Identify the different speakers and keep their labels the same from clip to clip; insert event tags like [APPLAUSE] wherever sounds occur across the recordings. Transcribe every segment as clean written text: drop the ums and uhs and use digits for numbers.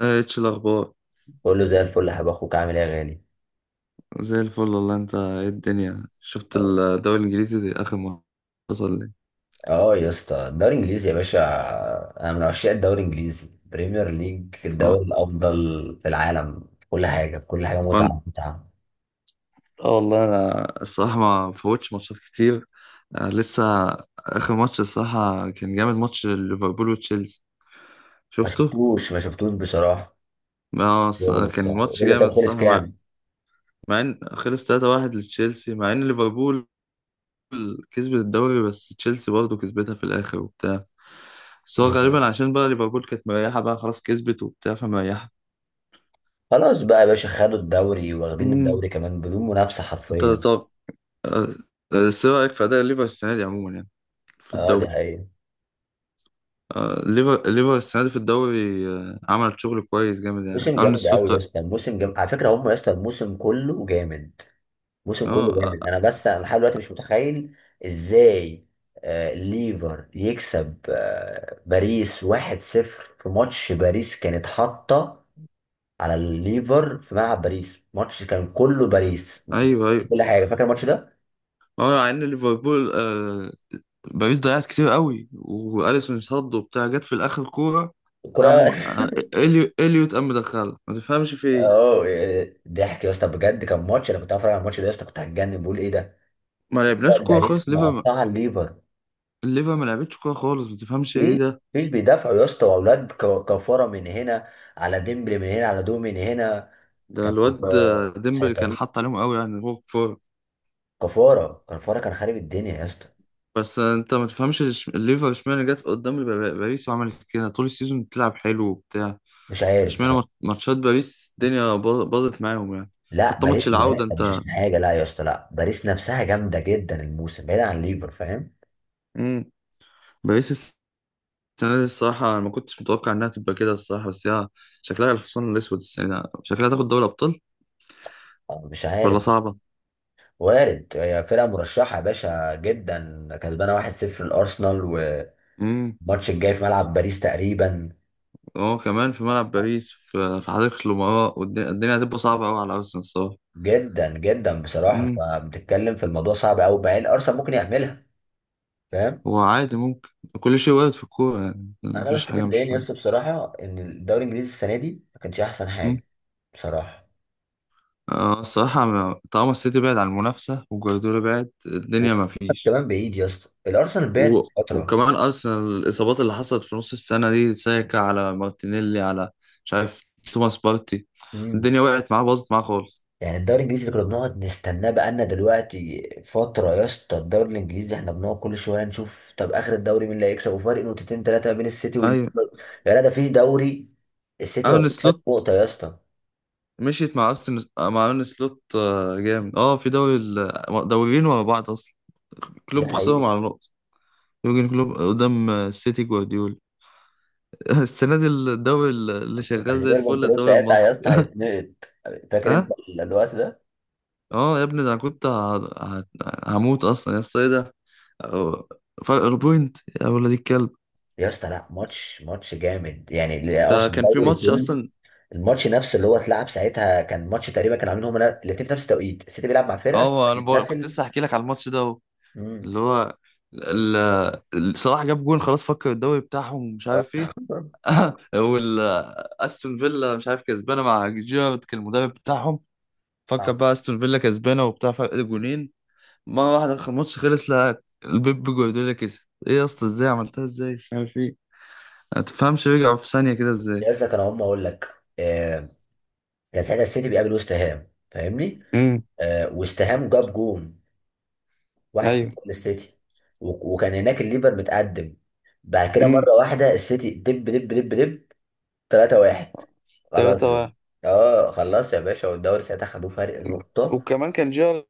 Speaker 1: ايه اتش الاخبار.
Speaker 2: بقول له زي الفل يا حبيب اخوك، عامل ايه يا غالي؟
Speaker 1: زي الفل والله. انت ايه الدنيا، شفت
Speaker 2: اه.
Speaker 1: الدوري الانجليزي دي اخر ما حصل لي؟
Speaker 2: آه يا اسطى، الدوري الانجليزي يا باشا. انا من عشاق الدوري الانجليزي بريمير ليج،
Speaker 1: اه.
Speaker 2: الدوري الافضل في العالم، في كل حاجه، في كل حاجه،
Speaker 1: وأنا-
Speaker 2: متعه متعه.
Speaker 1: اه والله، انا الصراحه ما فوتش ماتشات كتير. آه لسه. اخر ماتش الصراحه كان جامد، ماتش ليفربول وتشيلسي.
Speaker 2: ما
Speaker 1: شفته.
Speaker 2: شفتوش ما شفتوش بصراحه.
Speaker 1: اه.
Speaker 2: شغل وبتاع،
Speaker 1: كان ماتش
Speaker 2: يقول لي
Speaker 1: جامد
Speaker 2: طب خلص
Speaker 1: الصراحه، مع
Speaker 2: كام.
Speaker 1: مع ان خلص 3-1 لتشيلسي، مع ان ليفربول كسبت الدوري، بس تشيلسي برضه كسبتها في الاخر وبتاع. بس هو غالبا
Speaker 2: مم.
Speaker 1: عشان بقى ليفربول كانت مريحه، بقى خلاص كسبت وبتاع فمريحه.
Speaker 2: خلاص بقى يا باشا، خدوا الدوري، واخدين الدوري كمان بدون منافسه
Speaker 1: انت
Speaker 2: حرفيا.
Speaker 1: طب. آه، آه، ايه رأيك في أداء ليفر السنة دي عموما يعني، في
Speaker 2: اه دي
Speaker 1: الدوري؟
Speaker 2: حقيقه.
Speaker 1: آه، ليفر السنة دي في الدوري، آه، عمل شغل كويس جامد يعني.
Speaker 2: موسم
Speaker 1: أرن
Speaker 2: جامد قوي
Speaker 1: سلوت.
Speaker 2: يا
Speaker 1: اه.
Speaker 2: اسطى، الموسم جامد على فكره، هم يا اسطى الموسم كله جامد، الموسم كله
Speaker 1: آه.
Speaker 2: جامد، انا لحد دلوقتي مش متخيل ازاي ليفر يكسب باريس 1-0 في ماتش. باريس كانت حاطه على الليفر، في ملعب باريس، ماتش كان كله باريس
Speaker 1: ايوه، ايوه.
Speaker 2: كل حاجه. فاكر الماتش ده؟
Speaker 1: اه مع ان ليفربول آه، باريس ضيعت كتير قوي، واليسون صد وبتاع، جت في الاخر كورة. ام،
Speaker 2: الكره
Speaker 1: آه،
Speaker 2: [LAUGHS]
Speaker 1: اليوت، ام، مدخلها، ما تفهمش في ايه.
Speaker 2: اه، ضحك يا اسطى بجد. كان ماتش، انا كنت هتفرج على الماتش ده يا اسطى كنت هتجنن، بقول ايه ده؟
Speaker 1: ما لعبناش
Speaker 2: ده
Speaker 1: كورة
Speaker 2: باريس
Speaker 1: خالص ليفر.
Speaker 2: مقطعه الليفر.
Speaker 1: الليفر ما لعبتش كورة خالص، ما تفهمش ايه
Speaker 2: ايه؟
Speaker 1: ده.
Speaker 2: مفيش، بيدافعوا يا اسطى، واولاد كفاره من هنا، على ديمبلي من هنا، على دو من هنا.
Speaker 1: ده
Speaker 2: كانوا
Speaker 1: الواد آه، ديمبلي كان
Speaker 2: مسيطرين.
Speaker 1: حاط عليهم قوي يعني. هو
Speaker 2: كفاره كفاره كان خارب الدنيا يا اسطى.
Speaker 1: بس انت ما تفهمش، الليفر اشمعنى جت قدام باريس، وعملت كده طول السيزون بتلعب حلو وبتاع.
Speaker 2: مش عارف
Speaker 1: اشمعنى
Speaker 2: بصراحة.
Speaker 1: ماتشات باريس الدنيا باظت معاهم يعني.
Speaker 2: لا
Speaker 1: حتى ماتش
Speaker 2: باريس، لا يا
Speaker 1: العودة
Speaker 2: اسطى، مش
Speaker 1: انت.
Speaker 2: عشان حاجه، لا يا اسطى، لا باريس نفسها جامده جدا، الموسم بعيد عن ليفر، فاهم؟
Speaker 1: مم. باريس السنة دي الصراحة انا ما كنتش متوقع انها تبقى كده الصراحة، بس هي شكلها الحصان الاسود السنة دي، شكلها تاخد دوري ابطال،
Speaker 2: مش
Speaker 1: ولا
Speaker 2: عارف،
Speaker 1: صعبة.
Speaker 2: وارد، هي فرقه مرشحه يا باشا جدا، كسبانه 1-0 الارسنال، والماتش
Speaker 1: امم.
Speaker 2: الجاي في ملعب باريس تقريبا.
Speaker 1: اه كمان في ملعب باريس، في حديقة الامراء، والدنيا هتبقى صعبة قوي على ارسنال الصراحة.
Speaker 2: جدا جدا بصراحه،
Speaker 1: امم.
Speaker 2: فبتتكلم في الموضوع، صعب قوي، مع ان ارسنال ممكن يعملها، فاهم؟
Speaker 1: هو عادي، ممكن، كل شيء وارد في الكورة يعني،
Speaker 2: انا
Speaker 1: مفيش
Speaker 2: بس اللي
Speaker 1: حاجة مش
Speaker 2: مضايقني بس بصراحه، ان الدوري الانجليزي السنه دي ما كانش احسن
Speaker 1: فاهم.
Speaker 2: حاجه بصراحه.
Speaker 1: اه الصراحة، طالما السيتي بعد عن المنافسة، وجوارديولا بعد، الدنيا ما
Speaker 2: وكمان
Speaker 1: فيش.
Speaker 2: كمان بعيد يا اسطى، الارسنال بعد فتره.
Speaker 1: وكمان أرسنال، الإصابات اللي حصلت في نص السنة دي، ساكا، على مارتينيلي، على مش عارف، توماس بارتي،
Speaker 2: امم.
Speaker 1: الدنيا وقعت معاه، باظت معاه خالص.
Speaker 2: يعني الدوري الانجليزي اللي كنا بنقعد نستناه بقالنا دلوقتي فتره يا اسطى، الدوري الانجليزي احنا بنقعد كل شويه نشوف طب اخر الدوري مين اللي هيكسب، وفرق نقطتين ثلاثه ما بين السيتي وال...
Speaker 1: أيوة.
Speaker 2: يا لا ده في دوري السيتي
Speaker 1: أرن
Speaker 2: واخد فرق
Speaker 1: سلوت
Speaker 2: نقطه يا اسطى.
Speaker 1: مشيت مع أرسنال، مع أرن سلوت آه، جامد. اه في دوري، دوريين ورا بعض أصلا
Speaker 2: دي
Speaker 1: كلوب خسرهم
Speaker 2: حقيقه.
Speaker 1: على نقطة، يورجن كلوب قدام آه، السيتي جوارديولا. [LAUGHS] السنة دي الدوري اللي
Speaker 2: يعني
Speaker 1: شغال زي
Speaker 2: يورجن
Speaker 1: الفل،
Speaker 2: كلوب
Speaker 1: الدوري
Speaker 2: ساعتها يا اسطى
Speaker 1: المصري.
Speaker 2: هيتنقط،
Speaker 1: [LAUGHS]
Speaker 2: فاكر انت
Speaker 1: ها.
Speaker 2: الوقت ده؟
Speaker 1: اه يا ابني، ده انا كنت ه- هموت اصلا، يا اسطى، ايه ده. أو- فرق بوينت، يا ولد الكلب.
Speaker 2: يا اسطى لا، ماتش ماتش جامد يعني
Speaker 1: ده
Speaker 2: اصلا،
Speaker 1: كان في
Speaker 2: الدوري
Speaker 1: ماتش
Speaker 2: كله.
Speaker 1: اصلا.
Speaker 2: الماتش نفسه اللي هو اتلعب ساعتها كان ماتش تقريبا كانوا عاملين هما الاثنين في نفس التوقيت، السيتي بيلعب مع فرقه
Speaker 1: اه كنت
Speaker 2: بتتنسل.
Speaker 1: لسه احكي لك على الماتش ده اهو.
Speaker 2: امم.
Speaker 1: اللي هو ال... صلاح جاب جون، خلاص، فكر الدوري بتاعهم ومش
Speaker 2: آه.
Speaker 1: عارف ايه.
Speaker 2: [LAUGHS]
Speaker 1: [LAUGHS] وال استون فيلا مش عارف كسبانه، مع جيرارد كان المدرب بتاعهم. فكر بقى استون فيلا كسبانه وبتاع، فرق جونين. مره واحده الماتش خلص، لا البيب جوارديولا كسب. ايه يا اسطى، ازاي عملتها؟ ازاي مش عارف ايه، هتفهمش، رجعوا في ثانية كده ازاي.
Speaker 2: لسه كان، هم اقول لك آه، كان ساعتها السيتي بيقابل وست هام، فاهمني؟
Speaker 1: امم.
Speaker 2: آه، وست هام جاب جون 1-0
Speaker 1: ايوه.
Speaker 2: للسيتي، وكان هناك الليفر متقدم. بعد كده
Speaker 1: امم.
Speaker 2: مره واحده السيتي دب دب دب دب 3-1. خلاص
Speaker 1: 3
Speaker 2: يا باشا.
Speaker 1: واحد.
Speaker 2: اه خلاص يا باشا، والدوري ساعتها خدوه فرق نقطه.
Speaker 1: وكمان كان جيرارد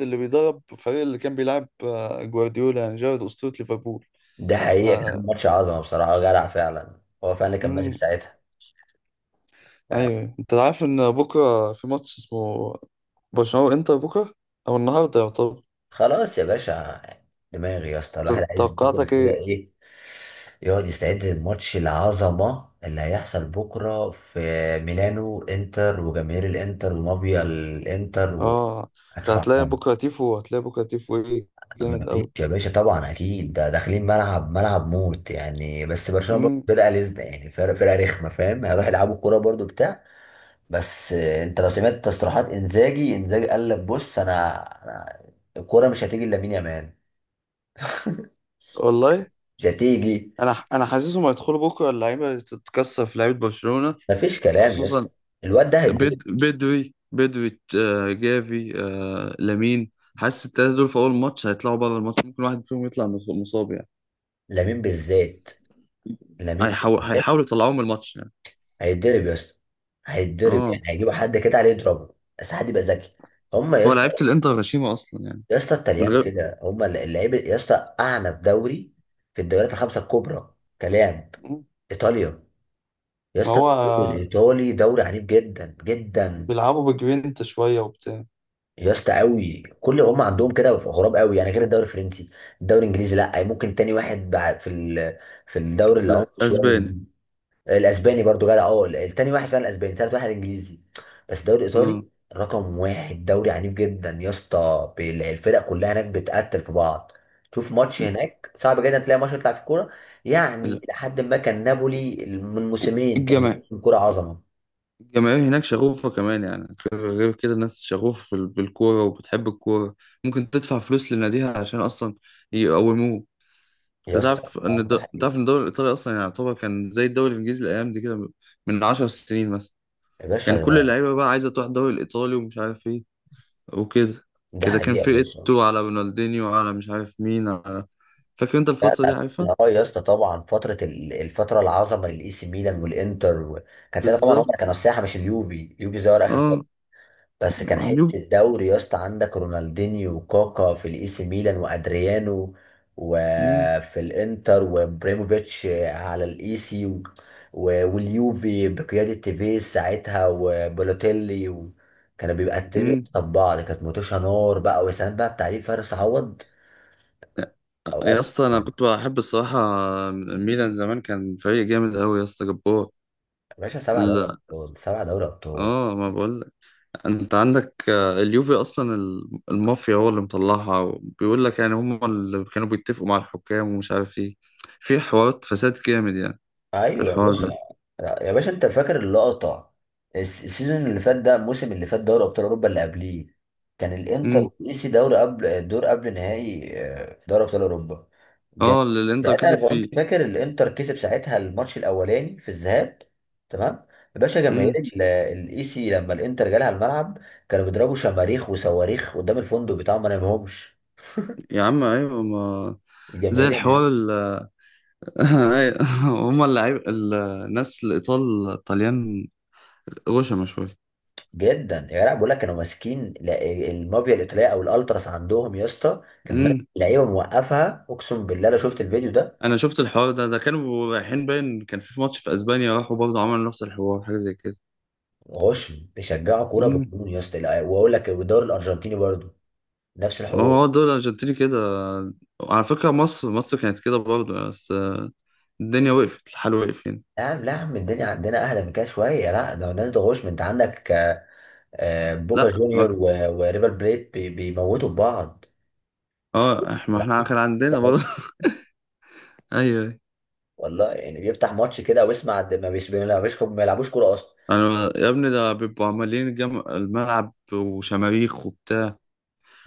Speaker 1: اللي بيدرب الفريق اللي كان بيلعب آه، جوارديولا، يعني جيرارد أسطورة ليفربول.
Speaker 2: ده
Speaker 1: ف
Speaker 2: حقيقة، كان ماتش عظمة بصراحة، جدع فعلا، هو فعلا اللي كان ماسك
Speaker 1: امم.
Speaker 2: ساعتها.
Speaker 1: ايوه انت عارف ان بكره في ماتش اسمه برشلونة وانتر، بكره او النهارده يعتبر.
Speaker 2: خلاص يا باشا، دماغي يا اسطى الواحد عايز
Speaker 1: توقعاتك
Speaker 2: بكرة كده،
Speaker 1: ايه؟
Speaker 2: ايه، يقعد يستعد للماتش العظمة اللي هيحصل بكرة في ميلانو، انتر وجماهير الانتر ومافيا الانتر
Speaker 1: اه انت
Speaker 2: هتشوف
Speaker 1: هتلاقي
Speaker 2: عمرهم.
Speaker 1: بكره تيفو، هتلاقي بكره تيفو ايه جامد
Speaker 2: مفيش
Speaker 1: قوي.
Speaker 2: يا باشا طبعا، اكيد ده داخلين ملعب ملعب موت يعني، بس برشلونة برضه
Speaker 1: امم.
Speaker 2: بدأ لزنة يعني، فرقة فرقة رخمة، فاهم؟ هيروح يلعبوا الكورة برضه بتاع. بس انت لو سمعت تصريحات انزاجي، انزاجي قال لك بص، انا الكوره مش هتيجي لامين يامال. [LAUGHS]
Speaker 1: والله
Speaker 2: مش هتيجي.
Speaker 1: انا حاسسهم هيدخلوا بكره، اللعيبه تتكسر في لعيبه برشلونه.
Speaker 2: مفيش كلام يا
Speaker 1: خصوصا
Speaker 2: اسطى، الواد ده هيتضرب.
Speaker 1: بدوي، بدوي آه، جافي آه، لامين. حاسس التلاتة دول في أول ماتش هيطلعوا بره الماتش، ممكن واحد فيهم يطلع مصاب يعني.
Speaker 2: لامين بالذات، لامين بالذات.
Speaker 1: هيحاولوا يطلعوه من الماتش يعني.
Speaker 2: هيتضرب يا اسطى، هيتضرب،
Speaker 1: اه.
Speaker 2: يعني هيجيبوا حد كده عليه يضربه بس حد يبقى ذكي. هم يا
Speaker 1: هو
Speaker 2: اسطى،
Speaker 1: لعيبة الإنتر غشيمة أصلا يعني،
Speaker 2: يا اسطى
Speaker 1: من
Speaker 2: الطليان
Speaker 1: غير.
Speaker 2: كده، هم اللعيبه يا اسطى، اعنف دوري في الدوريات الخمسه الكبرى، كلام.
Speaker 1: مم.
Speaker 2: ايطاليا، يا
Speaker 1: ما
Speaker 2: اسطى
Speaker 1: هو
Speaker 2: الدوري
Speaker 1: آه،
Speaker 2: الايطالي دوري عنيف جدا جدا
Speaker 1: بيلعبوا بجوينت شوية وبتاع.
Speaker 2: يا اسطى، قوي كل هم عندهم كده، غراب قوي يعني غير الدوري الفرنسي. الدوري الانجليزي لا، ممكن تاني واحد بعد في ال... في الدوري اللي
Speaker 1: لا
Speaker 2: عمق شويه
Speaker 1: أسباني.
Speaker 2: الإنجليزي. الاسباني برضو جدع، اه التاني واحد فعلا الاسباني، تالت واحد الانجليزي، بس الدوري الايطالي
Speaker 1: اه
Speaker 2: رقم واحد، دوري عنيف جدا يا اسطى. الفرق كلها هناك بتقتل في بعض. شوف ماتش هناك صعب جدا تلاقي ماتش يطلع في كوره، يعني
Speaker 1: ال-
Speaker 2: لحد ما كان نابولي من موسمين كان
Speaker 1: الجماهير،
Speaker 2: كوره عظمه.
Speaker 1: هناك شغوفة كمان، يعني غير غير كده، الناس شغوفة في بالكورة وبتحب الكورة، ممكن تدفع فلوس لناديها عشان أصلا يقوموه.
Speaker 2: يا اسطى آه، ده
Speaker 1: انت تعرف
Speaker 2: حقيقه
Speaker 1: ان الدوري الايطالي اصلا يعني، يعتبر كان زي الدوري الانجليزي الايام دي كده، من 10 سنين مثلا،
Speaker 2: يا
Speaker 1: كان
Speaker 2: باشا.
Speaker 1: كل اللعيبه بقى عايزه تروح الدوري الايطالي ومش عارف ايه وكده.
Speaker 2: ده
Speaker 1: كده
Speaker 2: حقيقه
Speaker 1: كان
Speaker 2: يا
Speaker 1: في
Speaker 2: باشا.
Speaker 1: ايتو، على رونالدينيو، على مش عارف مين، على فاكر انت
Speaker 2: لا
Speaker 1: الفتره دي
Speaker 2: لا.
Speaker 1: عارفها.
Speaker 2: اه يا اسطى طبعا، فتره الفتره العظمه للاي سي ميلان والانتر كان ساعتها طبعا هم
Speaker 1: بالظبط.
Speaker 2: كانوا في ساحه مش اليوفي، اليوفي ظهر اخر فتره،
Speaker 1: اه
Speaker 2: بس كان
Speaker 1: اليوف.
Speaker 2: حته الدوري يا اسطى، عندك رونالدينيو وكاكا في الاي سي ميلان وادريانو،
Speaker 1: مم.
Speaker 2: وفي الانتر وابريموفيتش على الاي سي و... واليوفي بقياده تيفيز ساعتها وبولوتيلي كانوا بيبقى التريو
Speaker 1: مم.
Speaker 2: بتاع بعض، كانت متوشة نار بقى وسام بقى بتعليق فارس عوض اوقات.
Speaker 1: يا اسطى انا كنت بحب الصراحه ميلان زمان، كان فريق جامد قوي، يا اسطى جبار.
Speaker 2: يا باشا سبع دوري
Speaker 1: لا.
Speaker 2: ابطال 7 دوري ابطال.
Speaker 1: اه ما بقول. انت عندك آه، اليوفي اصلا، المافيا هو اللي مطلعها، وبيقول لك يعني هم اللي كانوا بيتفقوا مع الحكام ومش عارف ايه، في حوارات فساد جامد يعني في
Speaker 2: ايوه يا
Speaker 1: الحوار
Speaker 2: باشا.
Speaker 1: ده.
Speaker 2: يا باشا انت فاكر اللقطه، السيزون اللي فات، ده الموسم اللي فات دوري ابطال اوروبا اللي قبليه كان الانتر
Speaker 1: امم.
Speaker 2: والايسي دوري قبل الدور قبل نهائي آه، في دوري ابطال اوروبا. جميل.
Speaker 1: اه اللي الانتر
Speaker 2: ساعتها
Speaker 1: كسب
Speaker 2: لو
Speaker 1: فيه.
Speaker 2: انت فاكر الانتر كسب ساعتها الماتش الاولاني في الذهاب، تمام. يا باشا جماهير
Speaker 1: امم.
Speaker 2: الايسي لما الانتر جالها الملعب كانوا بيضربوا شماريخ وصواريخ قدام الفندق بتاعهم ما نامهمش
Speaker 1: يا عم ايوه، ما زي
Speaker 2: الجماهير.
Speaker 1: الحوار [LAUGHS] أيوة. هم اللعيب، الناس الايطال الطليان، غشمة شويه.
Speaker 2: جدا، يا لا بقول لك، كانوا ماسكين المافيا الايطاليه او الالتراس عندهم يا اسطى كان ماسك
Speaker 1: امم.
Speaker 2: لعيبه موقفها، اقسم بالله لو شفت الفيديو ده.
Speaker 1: انا شفت الحوار ده، ده كانوا رايحين، باين كان في ماتش في اسبانيا، راحوا برضه عملوا نفس الحوار، حاجه زي كده.
Speaker 2: غشم بيشجعوا كوره بالجنون يا اسطى، لا، واقول لك، والدوري الارجنتيني برضه نفس الحوار.
Speaker 1: هو دول أرجنتيني كده. على فكرة مصر كانت كده برضه، بس آه، الدنيا وقفت، الحال وقف يعني.
Speaker 2: لا يا عم، لا يا عم، الدنيا عندنا اهدى من كده شويه، لا ده الناس ده غشم، انت عندك بوكا
Speaker 1: لا
Speaker 2: جونيور وريفر بليت بيموتوا في بعض، مش كورة.
Speaker 1: اه احنا، ما احنا كان عندنا برضه. [LAUGHS] ايوه.
Speaker 2: والله يعني بيفتح ماتش كده ويسمع، ما ما بيلعبوش كوره اصلا.
Speaker 1: انا يا ابني ده بيبقوا عمالين الملعب وشماريخ وبتاع.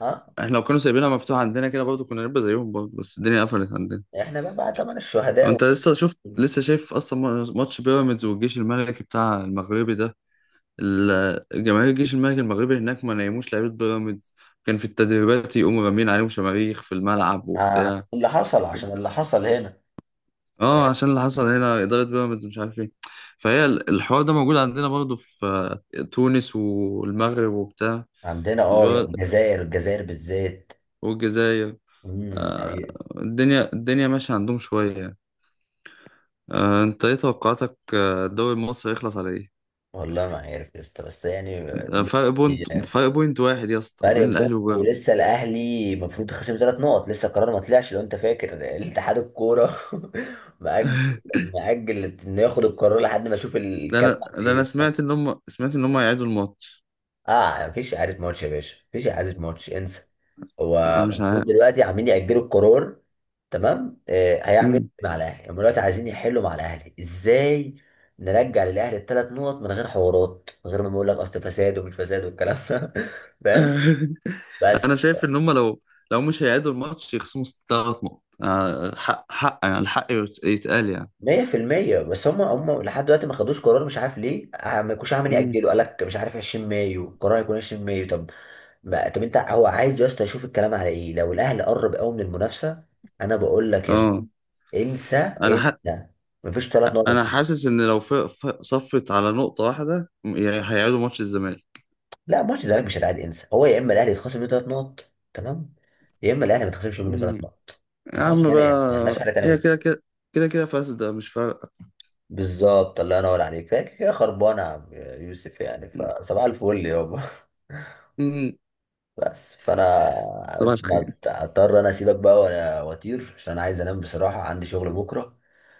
Speaker 2: اه
Speaker 1: احنا لو كانوا سايبينها مفتوحة عندنا كده برضه كنا نبقى زيهم برضه، بس الدنيا قفلت عندنا.
Speaker 2: احنا بقى طبعا الشهداء.
Speaker 1: انت لسه شفت، لسه شايف اصلا ماتش بيراميدز والجيش الملكي بتاع المغربي ده، جماهير الجيش الملكي المغربي هناك ما نيموش لعيبة بيراميدز، كان في التدريبات يقوموا رامين عليهم شماريخ في الملعب
Speaker 2: آه،
Speaker 1: وبتاع.
Speaker 2: اللي حصل عشان اللي حصل هنا.
Speaker 1: اه عشان اللي حصل هنا، إدارة بيراميدز مش عارف ايه. فهي الحوار ده موجود عندنا برضه في آه، تونس والمغرب وبتاع.
Speaker 2: عندنا
Speaker 1: اللي
Speaker 2: اه
Speaker 1: هو،
Speaker 2: الجزائر، الجزائر بالذات.
Speaker 1: والجزائر،
Speaker 2: امم
Speaker 1: آه،
Speaker 2: أي-
Speaker 1: الدنيا ماشية عندهم شوية يعني. آه، انت ايه توقعاتك آه، الدوري المصري يخلص على ايه؟
Speaker 2: والله ما عارف يا اسطى، بس يعني
Speaker 1: آه، فرق
Speaker 2: دلوقتي
Speaker 1: بوينت، واحد يا اسطى بين
Speaker 2: فرق نقطة،
Speaker 1: الاهلي وبيراميدز.
Speaker 2: ولسه الاهلي المفروض خصم 3 نقط، لسه القرار ما طلعش، لو انت فاكر، الاتحاد الكوره [LAUGHS] مأجل،
Speaker 1: [LAUGHS]
Speaker 2: مأجل انه ياخد القرار لحد ما اشوف
Speaker 1: ده انا
Speaker 2: الكلام عن
Speaker 1: ده انا
Speaker 2: ايه.
Speaker 1: سمعت ان هم هيعيدوا الماتش.
Speaker 2: اه يعني مفيش اعاده ماتش يا باشا، مفيش اعاده ماتش، انسى. هو
Speaker 1: انا
Speaker 2: طب
Speaker 1: مش
Speaker 2: المفروض
Speaker 1: عارف.
Speaker 2: دلوقتي عاملين يأجلوا القرار، تمام. آه هيعملوا
Speaker 1: امم.
Speaker 2: إيه مع الاهلي؟ هم دلوقتي عايزين يحلوا مع الاهلي ازاي؟ نرجع للاهلي ال 3 نقط من غير حوارات، من غير ما نقول لك اصل فساد ومش فساد والكلام ده [LAUGHS] فاهم؟
Speaker 1: [LAUGHS]
Speaker 2: بس
Speaker 1: انا شايف ان هم لو، لو مش هيعيدوا الماتش، يخصموا تلات نقط، آه، حق حق يعني، الحق يتقال يعني.
Speaker 2: 100% بس، هم لحد دلوقتي ما خدوش قرار مش عارف ليه، آه، ما يكونش عامل
Speaker 1: امم.
Speaker 2: يأجلوا، قال لك مش عارف 20 مايو القرار هيكون 20 مايو. طب ما طب، انت هو عايز يا اسطى يشوف الكلام على ايه؟ لو الاهلي قرب قوي من المنافسه، انا بقول لك يا اسطى،
Speaker 1: اه
Speaker 2: انسى،
Speaker 1: انا
Speaker 2: انسى، مفيش ثلاث
Speaker 1: انا
Speaker 2: نقط
Speaker 1: حاسس ان لو صفت على نقطة واحدة، يعني هيعيدوا ماتش الزمالك.
Speaker 2: لا ماتش الزمالك مش هيتعاد، انسى، هو يا اما الاهلي يتخصم منه 3 نقط، تمام، يا اما الاهلي ما يتخصمش منه ثلاث
Speaker 1: امم.
Speaker 2: نقط ما
Speaker 1: يا
Speaker 2: فيهاش
Speaker 1: عم
Speaker 2: هنا يعني، ما عندناش
Speaker 1: بقى،
Speaker 2: حاجه تانيه
Speaker 1: هي
Speaker 2: غير
Speaker 1: كده
Speaker 2: كده.
Speaker 1: كده، كده كده فاسدة، مش فارقة.
Speaker 2: بالظبط، الله ينور عليك. فاكر يا خربانه يا عم يوسف؟ يعني، فصباح الفل يابا.
Speaker 1: مم.
Speaker 2: بس فانا،
Speaker 1: صباح
Speaker 2: بس ما
Speaker 1: الخير.
Speaker 2: اضطر انا اسيبك بقى، وانا واطير عشان انا عايز انام بصراحه، عندي شغل بكره.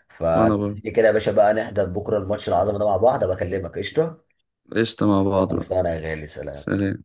Speaker 2: فلما
Speaker 1: وانا برضه،
Speaker 2: تيجي كده يا باشا، بقى نحضر بكره الماتش العظمه ده مع بعض، ابقى اكلمك قشطه.
Speaker 1: قشطة مع بعض بقى.
Speaker 2: خلصانه يا غالي، سلام.
Speaker 1: سلام.